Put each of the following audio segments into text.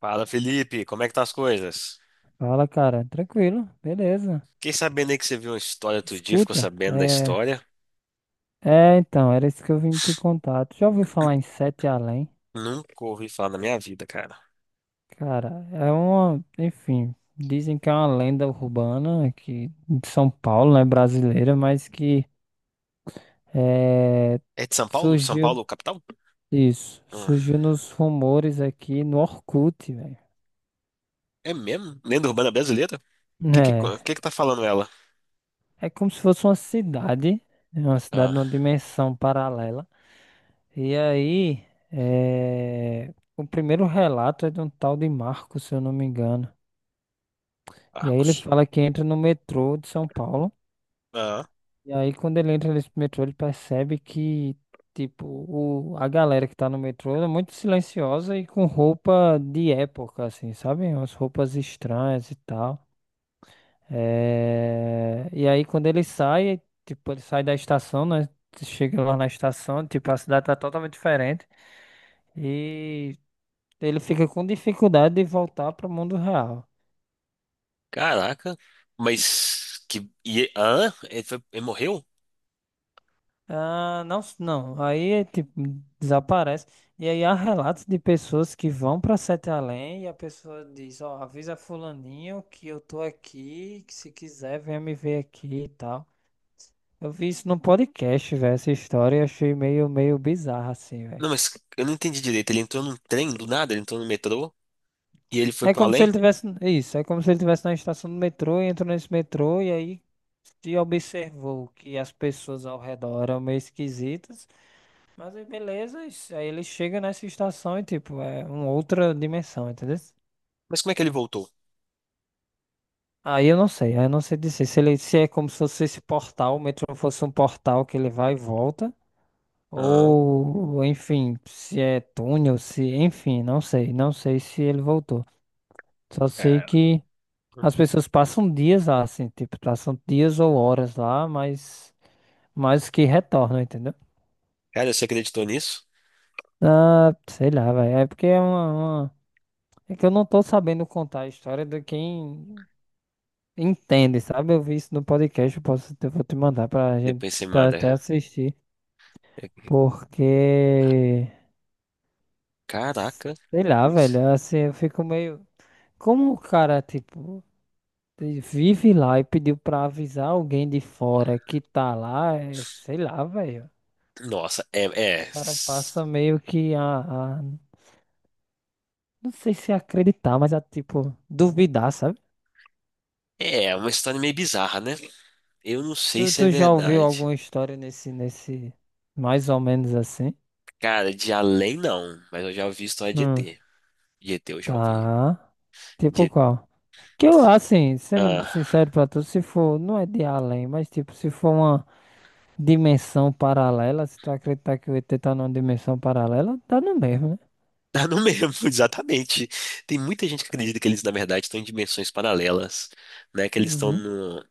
Fala, Felipe, como é que tá as coisas? Fala, cara. Tranquilo, beleza. Fiquei sabendo aí que você viu uma história outro dia, ficou Escuta, sabendo da é. história. Então, era isso que eu vim te contar. Tu já ouviu falar em Sete Além? Nunca ouvi falar na minha vida, cara. Cara, é uma. Enfim, dizem que é uma lenda urbana aqui de São Paulo, né? Brasileira, mas que é, É de São Paulo? São surgiu. Paulo, capital? Isso, Ah, surgiu nos rumores aqui no Orkut, velho. é mesmo? Lenda urbana brasileira? O que que, É, co- que que tá falando ela? é como se fosse uma cidade, né, uma cidade Ah, numa dimensão paralela. E aí, o primeiro relato é de um tal de Marco, se eu não me engano. E aí ele Arcos. fala que entra no metrô de São Paulo. Ah, E aí, quando ele entra nesse metrô, ele percebe que, tipo, a galera que tá no metrô é muito silenciosa e com roupa de época, assim, sabe? Umas roupas estranhas e tal. É, e aí quando ele sai, tipo, ele sai da estação, né? Chega lá na estação, tipo, a cidade tá totalmente diferente. E ele fica com dificuldade de voltar pro mundo real. caraca. Mas que... ele morreu? Ah, não, não. Aí, tipo, desaparece. E aí há relatos de pessoas que vão para Sete Além e a pessoa diz, ó, avisa fulaninho que eu tô aqui, que se quiser venha me ver aqui e tal. Eu vi isso num podcast, velho, essa história e achei meio bizarra assim, velho. Não, mas eu não entendi direito. Ele entrou num trem do nada, ele entrou no metrô e ele foi É pro como se além? ele tivesse. Isso, é como se ele tivesse na estação do metrô e entrou nesse metrô e aí se observou que as pessoas ao redor eram meio esquisitas. Mas aí beleza, aí ele chega nessa estação e tipo, é uma outra dimensão, entendeu? Mas como é que ele voltou? Aí eu não sei, aí eu não sei dizer se ele se é como se fosse esse portal, o metrô fosse um portal que ele vai e volta. Ah, Ou, enfim, se é túnel, se, enfim, não sei, não sei se ele voltou. Só sei cara. que as pessoas passam dias lá, assim, tipo, passam dias ou horas lá, mas que retornam, entendeu? Cara, você acreditou nisso? Ah, sei lá, velho, é porque é uma, uma- É que eu não tô sabendo contar a história de quem entende, sabe? Eu vi isso no podcast, eu posso, eu vou te mandar pra gente, Depois você pra manda. até assistir, É. porque, Caraca. sei lá, Isso. velho, assim, eu fico meio... Como o cara, tipo, vive lá e pediu pra avisar alguém de fora que tá lá, é, sei lá, velho. Nossa, é, é. O cara passa meio que Não sei se acreditar, mas a, tipo, duvidar, sabe? É uma história meio bizarra, né? Eu não sei Tu, se é tu já ouviu verdade. alguma história nesse. Mais ou menos assim? Cara, de além não, mas eu já ouvi história de Hum, ET. De ET eu já ouvi. tá. Tipo De... qual? Que eu, assim, sendo Ah, sincero pra tu, se for. Não é de além, mas, tipo, se for uma dimensão paralela, se tu acreditar que o ET tá numa dimensão paralela, tá no mesmo, né? não mesmo, exatamente. Tem muita gente que acredita que eles, na verdade, estão em dimensões paralelas, né? Que eles estão Uhum, no.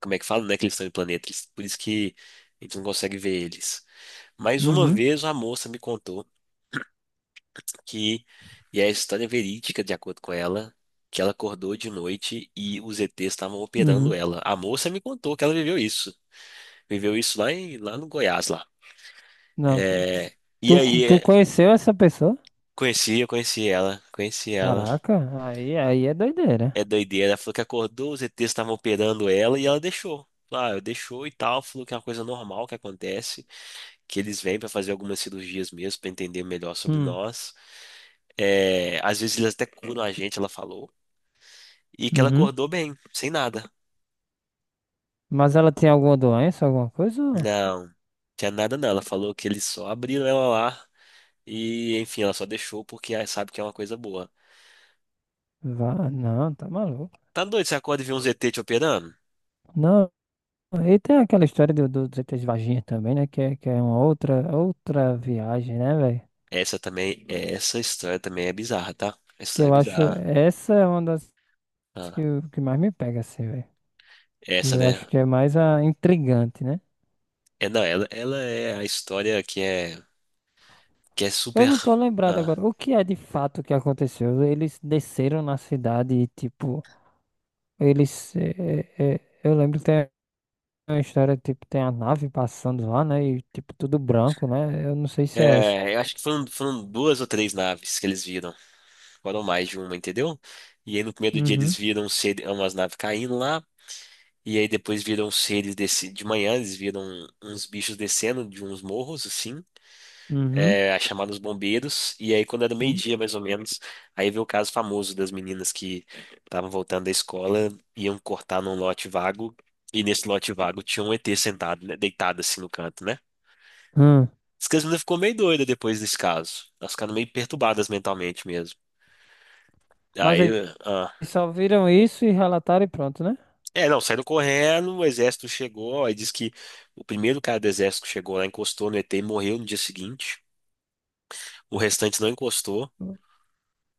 Como é que fala, né? Que eles estão em planetas. Por isso que a gente não consegue ver eles. Mas uma uhum, vez a moça me contou que e é a história verídica, de acordo com ela, que ela acordou de noite e os ETs estavam operando uhum. ela. A moça me contou que ela viveu isso. Viveu isso lá, lá no Goiás, lá. Não, É, e tu, aí, tu é, conheceu essa pessoa? conheci, eu conheci ela, conheci ela. Caraca, aí é doideira. É doideira. Ela falou que acordou, os ETs estavam operando ela e ela deixou. Lá, eu deixou e tal, falou que é uma coisa normal que acontece, que eles vêm pra fazer algumas cirurgias mesmo, pra entender melhor sobre Hum, nós. É, às vezes eles até curam a gente, ela falou. E que ela uhum. acordou bem, sem nada. Mas ela tem alguma doença, alguma coisa? Não, tinha nada não. Ela falou que eles só abriram ela lá e, enfim, ela só deixou porque ela sabe que é uma coisa boa. Vá, não, tá maluco. Tá doido, você acorda e vê um ZT te operando? Não, e tem aquela história dos ETs vaginha também, né? Que é uma outra viagem, né, velho? Essa também, essa história também é bizarra, tá? Essa Que história é eu acho, bizarra. essa é uma das Ah, que mais me pega, assim, velho. Que essa, eu né? acho que é mais a intrigante, né? É, não, ela é a história que é Eu super... não tô lembrado ah, agora. O que é de fato que aconteceu? Eles desceram na cidade e, tipo, eles. Eh, eh, eh, eu lembro que tem uma história, tipo, tem a nave passando lá, né? E, tipo, tudo branco, né? Eu não sei se é essa. é, eu acho que foram, foram duas ou três naves que eles viram. Foram mais de uma, entendeu? E aí no primeiro dia eles Uhum, viram umas naves caindo lá. E aí depois viram os seres desse, de manhã, eles viram uns bichos descendo de uns morros, assim, uhum. é, aí chamaram os bombeiros, e aí quando era Hum. meio-dia, mais ou menos, aí veio o caso famoso das meninas que estavam voltando da escola, iam cortar num lote vago, e nesse lote vago tinha um ET sentado, né, deitado assim no canto, né? Hum. Diz que as meninas ficou meio doida depois desse caso, elas ficaram meio perturbadas mentalmente mesmo. Mas Aí, eles ah, só viram isso e relataram e pronto, né? É, não, saíram correndo, o exército chegou, aí diz que o primeiro cara do exército que chegou lá encostou no ET e morreu no dia seguinte. O restante não encostou.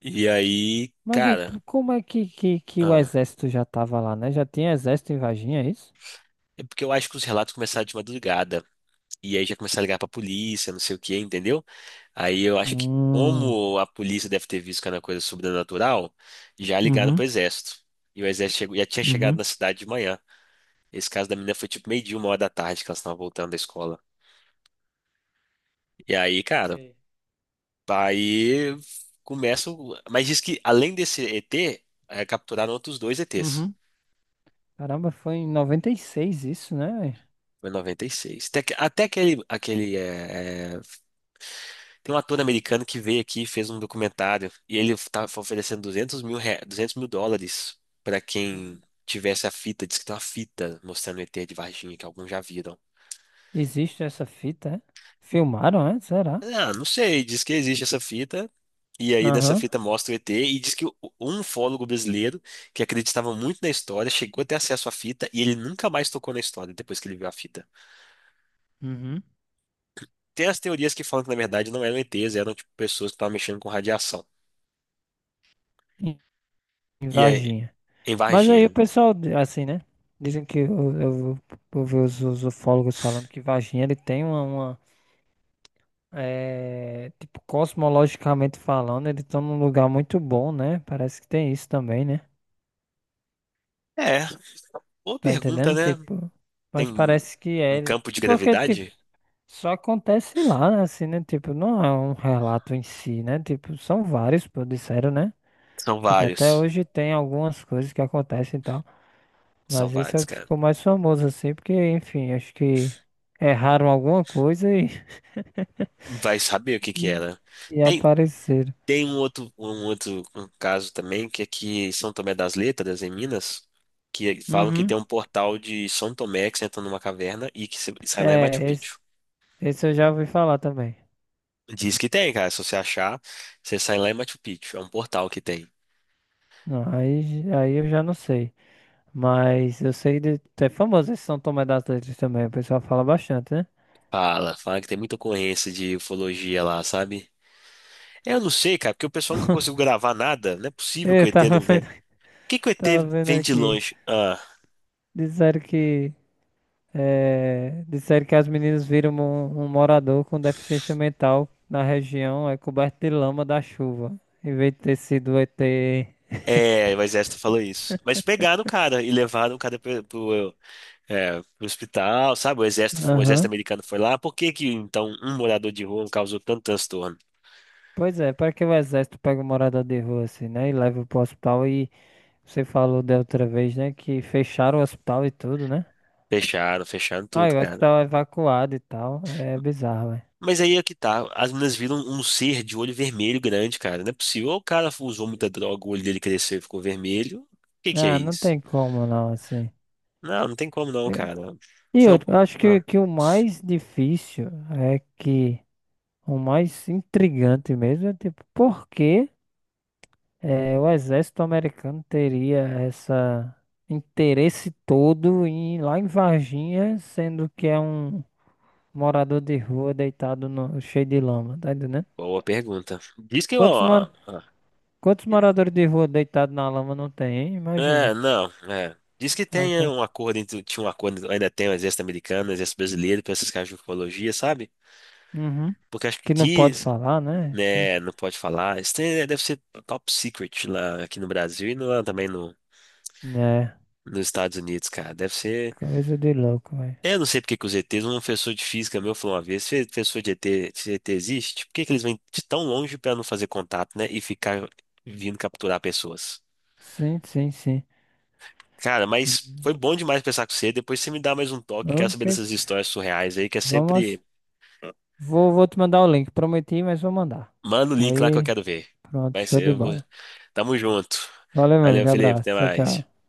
E aí, Mas aí, cara, como é que, que o ah, exército já tava lá, né? Já tinha exército em Varginha, é isso? é porque eu acho que os relatos começaram de madrugada. E aí já começaram a ligar pra polícia, não sei o que, entendeu? Aí eu acho que Hum, como a polícia deve ter visto que era uma coisa sobrenatural, já ligaram uhum, pro exército. E o exército já tinha chegado uhum, na cidade de manhã. Esse caso da menina foi tipo meio-dia, 1 hora da tarde que elas estavam voltando da escola. E aí, cara. Sim. Aí Mas diz que além desse ET, capturaram outros dois ETs. Uhum. Caramba, foi em 96 isso, né, véi? Foi em 96. Até, até aquele, aquele, tem um ator americano que veio aqui e fez um documentário. E ele estava oferecendo US$ 200.000 para Uhum. quem tivesse a fita. Diz que tem uma fita mostrando o ET de Varginha, que alguns já viram. Existe essa fita, é? Filmaram, é? Será? Ah, não sei. Diz que existe essa fita. E aí, nessa Aham. fita mostra o ET. E diz que um ufólogo brasileiro que acreditava muito na história chegou a ter acesso à fita e ele nunca mais tocou na história depois que ele viu a fita. Uhum. Tem as teorias que falam que, na verdade, não eram ETs, eram tipo, pessoas que estavam mexendo com radiação. Em em E aí, Varginha. em Mas aí o Varginha. pessoal, assim, né? Dizem que eu vi os ufólogos falando que Varginha ele tem uma, tipo, cosmologicamente falando, ele tá num lugar muito bom, né? Parece que tem isso também, né? É, boa Tá pergunta, entendendo? né? Tipo, Tem mas um parece que é. um campo de Porque, tipo, gravidade? só acontece lá, né? Assim, né? Tipo, não é um relato em si, né? Tipo, são vários, pô, disseram, né? São Tipo, até vários. hoje tem algumas coisas que acontecem e tal. São Mas esse é vários, o que cara. ficou mais famoso, assim, porque, enfim, acho que erraram alguma coisa e, Vai saber o que que é, hum, né? e Tem. apareceram. Tem um outro caso também, que é que São Tomé das Letras, em Minas, que é, falam que Uhum. tem um portal de São Tomé que você entra numa caverna e que você sai lá em Machu É, Picchu. esse eu já ouvi falar também. Diz que tem, cara. Se você achar, você sai lá em Machu Picchu. É um portal que tem. Não, aí eu já não sei. Mas eu sei de. É famoso esse São Tomé das Letras também, o pessoal fala bastante, né? Fala que tem muita ocorrência de ufologia lá, sabe? Eu não sei, cara, porque o pessoal nunca conseguiu gravar nada. Não é possível que Eu o ET tava não venha. vendo, Por que que o tava ET vendo vem de aqui. longe? Ah, Disseram que. É, disseram que as meninas viram um morador com deficiência mental na região é coberto de lama da chuva. Em vez de ter sido o ET. é, o exército falou isso. Mas pegaram o cara e levaram o cara pro É, pro hospital, sabe? O exército Aham. americano foi lá. Por que que então um morador de rua causou tanto transtorno? Pois é, para que o exército pega um morador de rua assim, né? E leva pro hospital e você falou da outra vez, né? Que fecharam o hospital e tudo, né? Fecharam Ah, tudo, e o cara. hospital é evacuado e tal. É bizarro, é. Mas aí é que tá. As meninas viram um ser de olho vermelho grande, cara. Não é possível. Ou o cara usou muita droga, o olho dele cresceu e ficou vermelho. O que que é Ah, não isso? tem como não, assim. Não, não tem como não, É. cara. E Foi eu algo- acho Ah, que o mais difícil é que o mais intrigante mesmo é tipo, por que o exército americano teria essa interesse todo em ir lá em Varginha, sendo que é um morador de rua deitado no, cheio de lama, tá entendendo? boa pergunta. Diz que Quantos, mora, quantos moradores de rua deitados na lama não tem, hein? É, Imagina. não, é. Diz que É o tem cara. um acordo entre, tinha um acordo, ainda tem o exército americano, o exército brasileiro, para essas caras de ufologia, sabe? Uhum. Porque acho que Que não pode diz, falar, né? Enfim. né, não pode falar. Né, deve ser top secret lá aqui no Brasil e lá também no, É. nos Estados Unidos, cara. Deve ser. Coisa de louco, velho. Eu não sei porque que os ETs, um professor de física meu falou uma vez, se ET existe, por que que eles vêm de tão longe para não fazer contato, né? E ficar vindo capturar pessoas? Sim, sim, sim. Cara, mas Hum. foi bom demais pensar com você. Depois você me dá mais um toque. Quero Ok. saber dessas histórias surreais aí, que é Vamos. sempre. Vou te mandar o link. Prometi, mas vou mandar. Manda o link lá que eu Aí, quero ver. pronto, Mas show de eu vou. bola. Tamo junto. Valeu, meu Valeu, amigo. Felipe. Abraço. Até Tchau, mais. tchau.